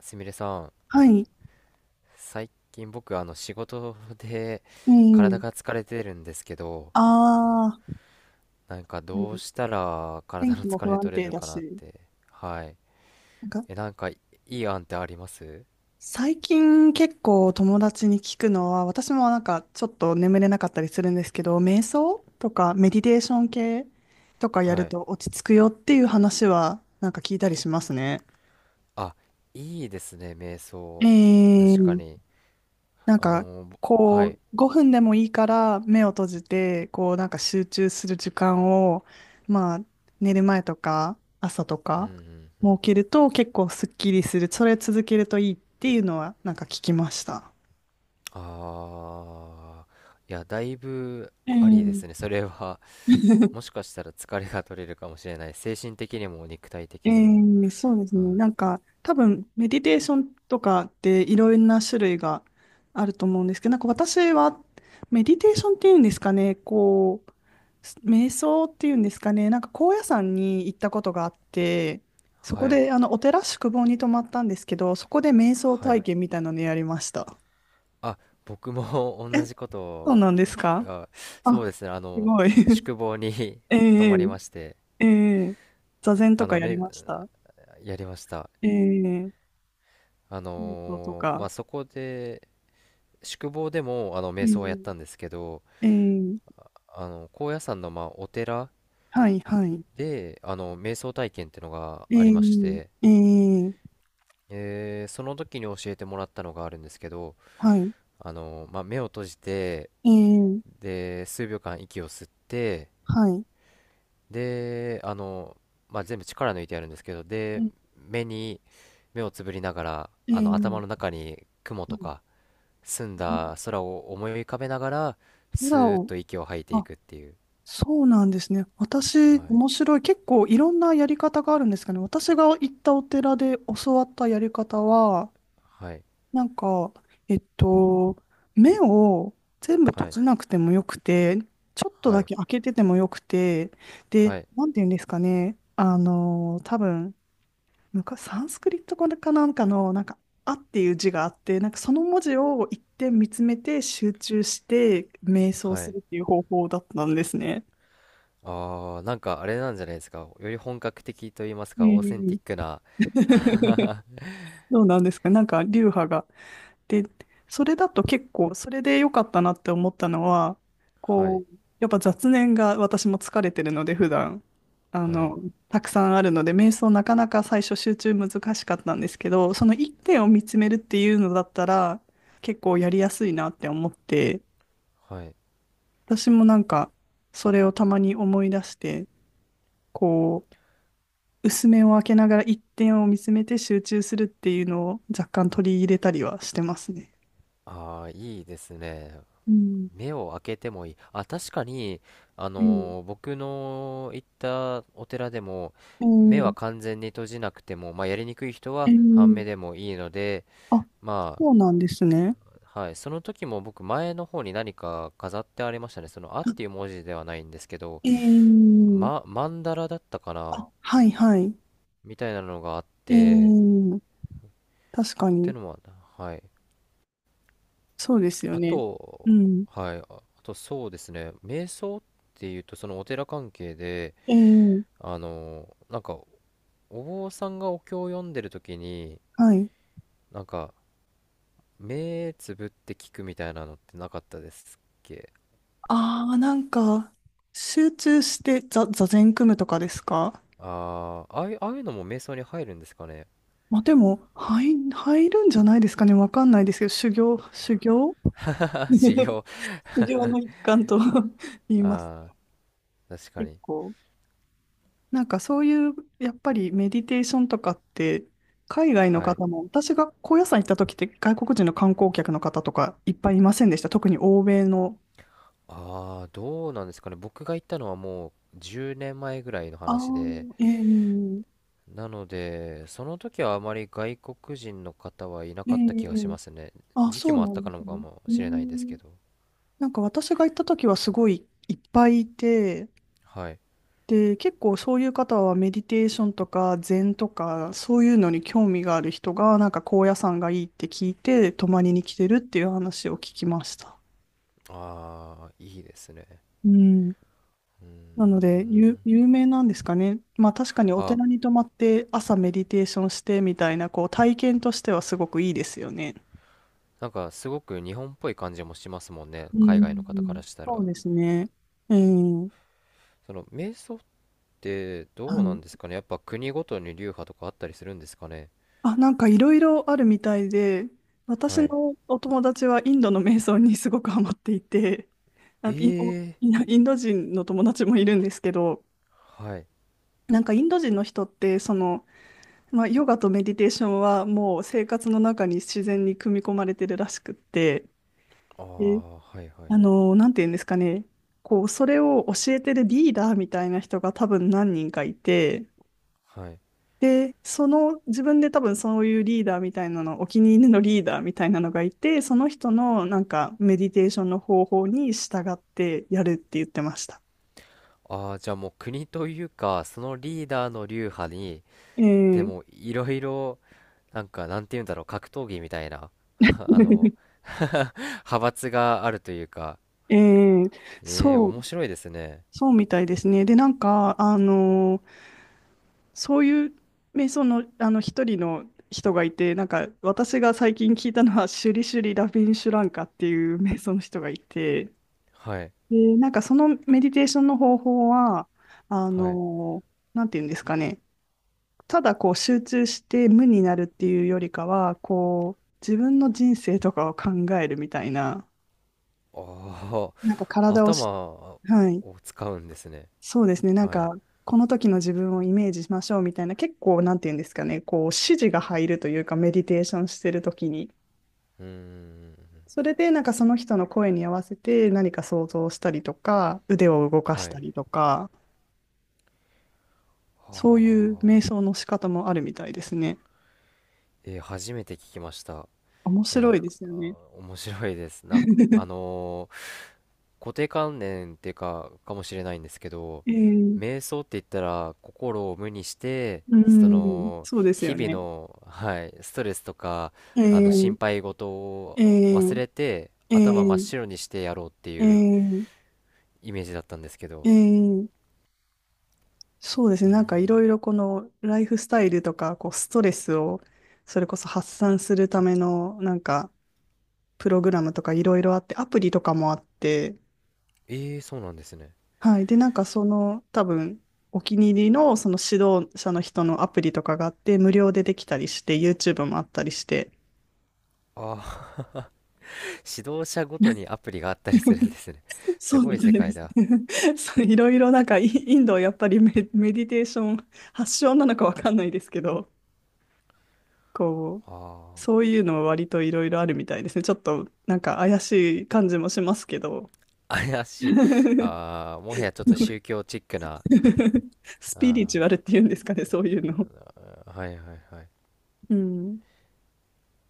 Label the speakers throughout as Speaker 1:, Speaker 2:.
Speaker 1: すみれさん、
Speaker 2: はい。
Speaker 1: 最近僕仕事で
Speaker 2: う
Speaker 1: 体
Speaker 2: ん、
Speaker 1: が疲れてるんですけど、
Speaker 2: ああ
Speaker 1: なんか
Speaker 2: で
Speaker 1: どう
Speaker 2: も
Speaker 1: したら
Speaker 2: 天
Speaker 1: 体の
Speaker 2: 気も
Speaker 1: 疲
Speaker 2: 不
Speaker 1: れ
Speaker 2: 安
Speaker 1: 取れ
Speaker 2: 定
Speaker 1: る
Speaker 2: だ
Speaker 1: かなっ
Speaker 2: し。
Speaker 1: て。はい。
Speaker 2: なんか、
Speaker 1: なんかいい案ってあります？
Speaker 2: 最近結構友達に聞くのは、私もなんかちょっと眠れなかったりするんですけど、瞑想とかメディテーション系とかや
Speaker 1: は
Speaker 2: る
Speaker 1: い。
Speaker 2: と落ち着くよっていう話はなんか聞いたりしますね。
Speaker 1: あ、いいですね、瞑想。確か
Speaker 2: ええ
Speaker 1: に。
Speaker 2: なんか、
Speaker 1: は
Speaker 2: こ
Speaker 1: い。
Speaker 2: う、5分でもいいから目を閉じて、こう、なんか集中する時間を、まあ、寝る前とか、朝と
Speaker 1: う
Speaker 2: か、
Speaker 1: んう
Speaker 2: 設
Speaker 1: ん。
Speaker 2: けると結構すっきりする。それ続けるといいっていうのは、なんか聞きました。
Speaker 1: あー。いや、だいぶ
Speaker 2: う
Speaker 1: ありで
Speaker 2: ん。
Speaker 1: すね。それは、も しかしたら疲れが取れるかもしれない。精神的にも肉体的
Speaker 2: え
Speaker 1: にも。
Speaker 2: えそうですね。なんか、多分、メディテーションとかっていろんな種類があると思うんですけど、なんか私は、メディテーションっていうんですかね、こう、瞑想っていうんですかね、なんか高野山に行ったことがあって、そこ
Speaker 1: はい。
Speaker 2: で、あの、お寺宿坊に泊まったんですけど、そこで瞑想
Speaker 1: は
Speaker 2: 体
Speaker 1: い。
Speaker 2: 験みたいなのやりました。
Speaker 1: あ、僕も
Speaker 2: え、
Speaker 1: 同じこと
Speaker 2: そう
Speaker 1: を、
Speaker 2: なんですか、
Speaker 1: あ、そ
Speaker 2: あ、
Speaker 1: うですね、
Speaker 2: すごい。
Speaker 1: 宿 坊に
Speaker 2: え
Speaker 1: 泊まり
Speaker 2: え
Speaker 1: まして、
Speaker 2: ええ座禅と
Speaker 1: あ
Speaker 2: か
Speaker 1: の、
Speaker 2: やり
Speaker 1: め、
Speaker 2: ました。
Speaker 1: やりました。
Speaker 2: ええ瞑想と
Speaker 1: まあ、
Speaker 2: か。
Speaker 1: そこで、宿坊でも、瞑想はやっ
Speaker 2: え
Speaker 1: たん
Speaker 2: え
Speaker 1: ですけど、
Speaker 2: ええ
Speaker 1: 高野山の、まあ、お寺
Speaker 2: はいはい。
Speaker 1: で、瞑想体験ってのがありまし
Speaker 2: え
Speaker 1: て、
Speaker 2: えええ
Speaker 1: その時に教えてもらったのがあるんですけど、
Speaker 2: はい。
Speaker 1: まあ、目を閉じて、
Speaker 2: ええ
Speaker 1: で、数秒間息を吸って、
Speaker 2: はい。
Speaker 1: で、まあ、全部力抜いてやるんですけど、で、
Speaker 2: え
Speaker 1: 目に、目をつぶりながら、
Speaker 2: え
Speaker 1: 頭の
Speaker 2: ええ
Speaker 1: 中に雲
Speaker 2: は
Speaker 1: と
Speaker 2: い。
Speaker 1: か、澄んだ空を思い浮かべながら、ス
Speaker 2: 空
Speaker 1: ーッ
Speaker 2: を、
Speaker 1: と息を吐いてい
Speaker 2: あ、
Speaker 1: くっていう。
Speaker 2: そうなんですね。私、
Speaker 1: はい。
Speaker 2: 面白い。結構いろんなやり方があるんですかね。私が行ったお寺で教わったやり方は、
Speaker 1: はい。
Speaker 2: なんか、えっと、目を全部閉
Speaker 1: はい。
Speaker 2: じなくてもよくて、ちょっと
Speaker 1: は
Speaker 2: だ
Speaker 1: い。
Speaker 2: け開けててもよくて、で、
Speaker 1: はい。
Speaker 2: なんて言うんですかね。あの、多分、なんかサンスクリット語かなんかの、なんか、あっていう字があって、なんかその文字を一点見つめて集中して瞑想
Speaker 1: は
Speaker 2: す
Speaker 1: い。
Speaker 2: るっていう方法だったんですね。
Speaker 1: あー、なんかあれなんじゃないですか。より本格的と言います
Speaker 2: う
Speaker 1: か、オーセンティ
Speaker 2: ん。
Speaker 1: ックな。は
Speaker 2: そうなんですか。なんか流派が、で、それだと結構、それで良かったなって思ったのは、
Speaker 1: い。
Speaker 2: こう、やっぱ雑念が私も疲れてるので、普段、あ
Speaker 1: はい。
Speaker 2: の、たくさんあるので、瞑想なかなか最初集中難しかったんですけど、その一点を見つめるっていうのだったら、結構やりやすいなって思って、
Speaker 1: はい。
Speaker 2: 私もなんか、それをたまに思い出して、こう、薄目を開けながら一点を見つめて集中するっていうのを若干取り入れたりはしてますね。
Speaker 1: あー、いいですね。
Speaker 2: うん。
Speaker 1: 目を開けてもいい。あ、確かに、
Speaker 2: うん。
Speaker 1: 僕の行ったお寺でも、
Speaker 2: う
Speaker 1: 目は
Speaker 2: ん、
Speaker 1: 完全に閉じなくても、まあ、やりにくい人
Speaker 2: え
Speaker 1: は半目
Speaker 2: ー、
Speaker 1: でもいいので、
Speaker 2: あ、
Speaker 1: ま
Speaker 2: そうなんですね。
Speaker 1: あ、はい、その時も僕、前の方に何か飾ってありましたね。その、あっていう文字ではないんですけど、
Speaker 2: えー、
Speaker 1: ま、曼荼羅だったかな
Speaker 2: あ、はいはい。
Speaker 1: みたいなのがあっ
Speaker 2: え
Speaker 1: て、
Speaker 2: ー、確
Speaker 1: っ
Speaker 2: か
Speaker 1: て
Speaker 2: に、
Speaker 1: のも、はい。
Speaker 2: そうですよ
Speaker 1: あ
Speaker 2: ね。う
Speaker 1: と、
Speaker 2: ん。
Speaker 1: はい、あとそうですね、瞑想っていうと、そのお寺関係で、
Speaker 2: えー、
Speaker 1: なんかお坊さんがお経を読んでる時に
Speaker 2: はい。
Speaker 1: なんか目つぶって聞くみたいなのってなかったですっけ？
Speaker 2: ああ、なんか、集中して座禅組むとかですか。
Speaker 1: ああいうのも瞑想に入るんですかね？
Speaker 2: まあ、でも、入るんじゃないですかね。わかんないですけど、修行、修行
Speaker 1: 修 行
Speaker 2: 修行の一環と 言います。
Speaker 1: ああ、確か
Speaker 2: 結
Speaker 1: に。
Speaker 2: 構。なんかそういう、やっぱりメディテーションとかって、海外の
Speaker 1: はい。
Speaker 2: 方も、私が高野山行った時って外国人の観光客の方とかいっぱいいませんでした。特に欧米の。
Speaker 1: ああ、どうなんですかね。僕が行ったのはもう10年前ぐらいの
Speaker 2: あ
Speaker 1: 話で、
Speaker 2: あ、ええ
Speaker 1: なので、その時はあまり外国人の方はいな
Speaker 2: え
Speaker 1: かった気がし
Speaker 2: え
Speaker 1: ますね。
Speaker 2: あ、
Speaker 1: 時期
Speaker 2: そう
Speaker 1: もあっ
Speaker 2: な
Speaker 1: た
Speaker 2: んで
Speaker 1: か
Speaker 2: す
Speaker 1: のか
Speaker 2: ね。
Speaker 1: も
Speaker 2: え
Speaker 1: しれないですけ
Speaker 2: え
Speaker 1: ど。
Speaker 2: なんか私が行った時はすごいいっぱいいて、
Speaker 1: はい。
Speaker 2: で、結構そういう方はメディテーションとか禅とかそういうのに興味がある人がなんか高野山がいいって聞いて泊まりに来てるっていう話を聞きました。
Speaker 1: ああ、いいですね。
Speaker 2: うん。
Speaker 1: う
Speaker 2: なの
Speaker 1: ー
Speaker 2: で、有、
Speaker 1: ん。
Speaker 2: 有名なんですかね。まあ確かにお
Speaker 1: あ、
Speaker 2: 寺に泊まって朝メディテーションしてみたいな、こう体験としてはすごくいいですよね。
Speaker 1: なんかすごく日本っぽい感じもしますもんね、
Speaker 2: う
Speaker 1: 海外の方か
Speaker 2: ん。
Speaker 1: らした
Speaker 2: そ
Speaker 1: ら。
Speaker 2: うですね。えー、
Speaker 1: その瞑想って
Speaker 2: は
Speaker 1: どうな
Speaker 2: い。
Speaker 1: んですかね、やっぱ国ごとに流派とかあったりするんですかね。
Speaker 2: あ、なんかいろいろあるみたいで、私
Speaker 1: はい。
Speaker 2: のお友達はインドの瞑想にすごくハマっていて、
Speaker 1: え
Speaker 2: あ、インド、お
Speaker 1: えー、
Speaker 2: インド人の友達もいるんですけど、
Speaker 1: はい。
Speaker 2: なんかインド人の人って、その、まあ、ヨガとメディテーションはもう生活の中に自然に組み込まれてるらしくって、
Speaker 1: あ
Speaker 2: で、
Speaker 1: あ、はいはい。
Speaker 2: あの、なんて言うんですかね、こう、それを教えてるリーダーみたいな人が多分何人かいて、
Speaker 1: はい。
Speaker 2: で、その、自分で多分そういうリーダーみたいなの、お気に入りのリーダーみたいなのがいて、その人のなんかメディテーションの方法に従ってやるって言ってました。
Speaker 1: ああ、じゃあもう国というか、そのリーダーの流派に、
Speaker 2: え
Speaker 1: で
Speaker 2: ー
Speaker 1: もいろいろ、なんかなんて言うんだろう、格闘技みたいな、あの、派閥があるというか、
Speaker 2: えー
Speaker 1: ええー、
Speaker 2: そう、
Speaker 1: 面白いですね。
Speaker 2: そうみたいですね。で、なんか、あの、そういう瞑想の、あの一人の人がいて、なんか私が最近聞いたのは、シュリシュリ・ラビンシュランカっていう瞑想の人がいて、
Speaker 1: はい。
Speaker 2: で、なんかそのメディテーションの方法は、あ
Speaker 1: はい。
Speaker 2: の、なんていうんですかね、ただこう集中して無になるっていうよりかは、こう、自分の人生とかを考えるみたいな、
Speaker 1: あ
Speaker 2: なんか
Speaker 1: あ、
Speaker 2: 体を
Speaker 1: 頭
Speaker 2: し、はい、
Speaker 1: を使うんですね。
Speaker 2: そうですね。なん
Speaker 1: はい。
Speaker 2: か、この時の自分をイメージしましょうみたいな、結構、なんていうんですかね、こう、指示が入るというか、メディテーションしてる時に、
Speaker 1: うーん。
Speaker 2: それで、なんかその人の声に合わせて何か想像したりとか、腕を動か
Speaker 1: は
Speaker 2: した
Speaker 1: い。
Speaker 2: りとか、そういう瞑
Speaker 1: は
Speaker 2: 想
Speaker 1: あ。
Speaker 2: の仕方もあるみたいですね。
Speaker 1: えー、初めて聞きました。
Speaker 2: 面
Speaker 1: なん
Speaker 2: 白
Speaker 1: か、
Speaker 2: いです
Speaker 1: あ
Speaker 2: よね。
Speaker 1: ー、面白いです。なんか、固定観念っていうか、かもしれないんですけど、
Speaker 2: えー、
Speaker 1: 瞑想って言ったら、心を無にして、
Speaker 2: うん、そうです
Speaker 1: 日
Speaker 2: よ
Speaker 1: 々
Speaker 2: ね。
Speaker 1: の、はい、ストレスとか、
Speaker 2: え
Speaker 1: 心
Speaker 2: ー、
Speaker 1: 配事を
Speaker 2: え
Speaker 1: 忘
Speaker 2: ー、
Speaker 1: れて、
Speaker 2: え
Speaker 1: 頭真っ
Speaker 2: ー、
Speaker 1: 白にしてやろうって
Speaker 2: えー、え
Speaker 1: いう
Speaker 2: ー、
Speaker 1: イメージだったんですけど、
Speaker 2: えーそうですね。なんかいろいろこのライフスタイルとか、こうストレスをそれこそ発散するためのなんかプログラムとかいろいろあって、アプリとかもあって、
Speaker 1: ええー、そうなんですね。
Speaker 2: はい。で、なんかその多分お気に入りのその指導者の人のアプリとかがあって、無料でできたりして、YouTube もあったりして、
Speaker 1: ああ、 指導者ごとにアプリがあったりするんで すね。す
Speaker 2: そう
Speaker 1: ご
Speaker 2: み
Speaker 1: い
Speaker 2: たい
Speaker 1: 世
Speaker 2: で
Speaker 1: 界
Speaker 2: す
Speaker 1: だ。
Speaker 2: ね。そういろいろなんかインドはやっぱりメディテーション発祥なのかわかんないですけど、こう、
Speaker 1: あ
Speaker 2: そういうのも割といろいろあるみたいですね。ちょっとなんか怪しい感じもしますけど。
Speaker 1: あ、怪しい。ああ、もはやちょっと宗教チックな。
Speaker 2: スピリチ
Speaker 1: あ
Speaker 2: ュアルっていうんですかね、そういうの。
Speaker 1: あ、はいはいはい。
Speaker 2: うん。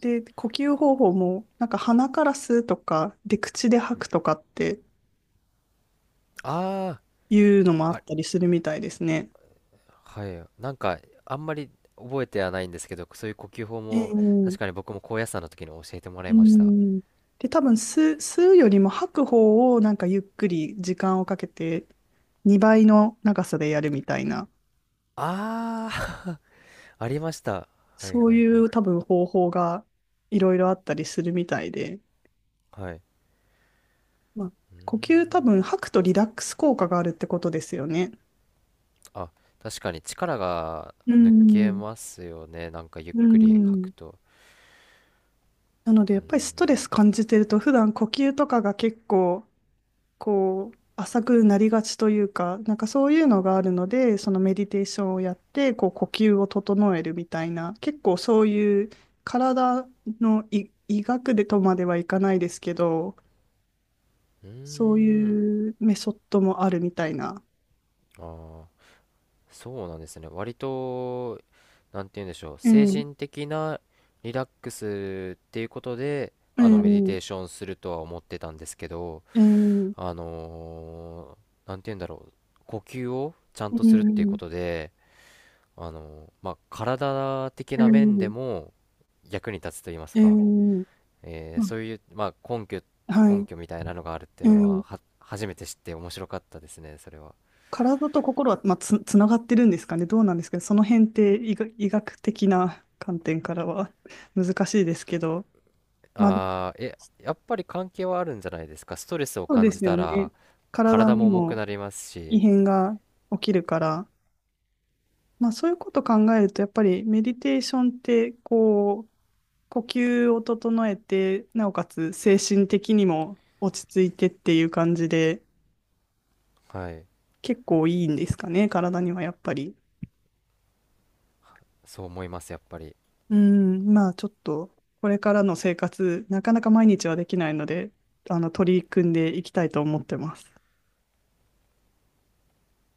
Speaker 2: で、呼吸方法も、なんか鼻から吸うとか、で、口で吐くとかって
Speaker 1: あ
Speaker 2: いうのもあ
Speaker 1: あ、あ、
Speaker 2: ったりするみたいですね。
Speaker 1: はい。なんか、あんまり覚えてはないんですけど、そういう呼吸法も、確かに
Speaker 2: ええ
Speaker 1: 僕も高野山の時に教えてもらい
Speaker 2: う
Speaker 1: ました。
Speaker 2: ん。で、多分吸うよりも吐く方をなんかゆっくり時間をかけて2倍の長さでやるみたいな、
Speaker 1: ああ、 ありました。はい
Speaker 2: そう
Speaker 1: はい
Speaker 2: い
Speaker 1: はい。
Speaker 2: う多分方法がいろいろあったりするみたいで、
Speaker 1: はい。
Speaker 2: まあ、呼吸多分吐くとリラックス効果があるってことですよね。
Speaker 1: あ、確かに力が
Speaker 2: う
Speaker 1: 抜け
Speaker 2: ん、
Speaker 1: ますよね。なんかゆっ
Speaker 2: う
Speaker 1: くり吐
Speaker 2: ん。
Speaker 1: くと。
Speaker 2: なので
Speaker 1: う
Speaker 2: やっぱりス
Speaker 1: ん、
Speaker 2: トレス感じてると普段呼吸とかが結構こう浅くなりがちというか、なんかそういうのがあるので、そのメディテーションをやってこう呼吸を整えるみたいな、結構そういう体の医学でとまではいかないですけど、
Speaker 1: うー
Speaker 2: そう
Speaker 1: ん、
Speaker 2: いうメソッドもあるみたいな。
Speaker 1: ああ、そうなんですね。割と、なんて言うんでしょう。
Speaker 2: う
Speaker 1: 精
Speaker 2: ん、
Speaker 1: 神的なリラックスっていうことで、
Speaker 2: う
Speaker 1: メディ
Speaker 2: ん、
Speaker 1: テーションするとは思ってたんですけど、
Speaker 2: うん、うん、
Speaker 1: あのなんて言うんだろう。呼吸をちゃんとするっていうこ
Speaker 2: う
Speaker 1: とで、まあ、体的な面で
Speaker 2: ん、
Speaker 1: も役に立つと言います
Speaker 2: う
Speaker 1: か。
Speaker 2: ん、ま
Speaker 1: そういう、まあ、根拠、
Speaker 2: あは
Speaker 1: 根
Speaker 2: い、
Speaker 1: 拠みたいなのがあるってい
Speaker 2: う
Speaker 1: うのは、
Speaker 2: ん。
Speaker 1: 初めて知って面白かったですね、それは。
Speaker 2: 体と心は、まあ、つながってるんですかね。どうなんですけど、その辺って医学的な観点からは 難しいですけど、まあ、
Speaker 1: あー、え、やっぱり関係はあるんじゃないですか。ストレスを
Speaker 2: そう
Speaker 1: 感
Speaker 2: で
Speaker 1: じ
Speaker 2: す
Speaker 1: た
Speaker 2: よね。
Speaker 1: ら、
Speaker 2: 体
Speaker 1: 体
Speaker 2: に
Speaker 1: も重く
Speaker 2: も
Speaker 1: なります
Speaker 2: 異
Speaker 1: し、
Speaker 2: 変が起きるから、まあ、そういうこと考えると、やっぱりメディテーションって、こう、呼吸を整えて、なおかつ精神的にも落ち着いてっていう感じで、
Speaker 1: はい、
Speaker 2: 結構いいんですかね、体にはやっぱり。
Speaker 1: そう思います、やっぱり。
Speaker 2: うん、まあちょっと、これからの生活、なかなか毎日はできないので、あの、取り組んでいきたいと思ってます。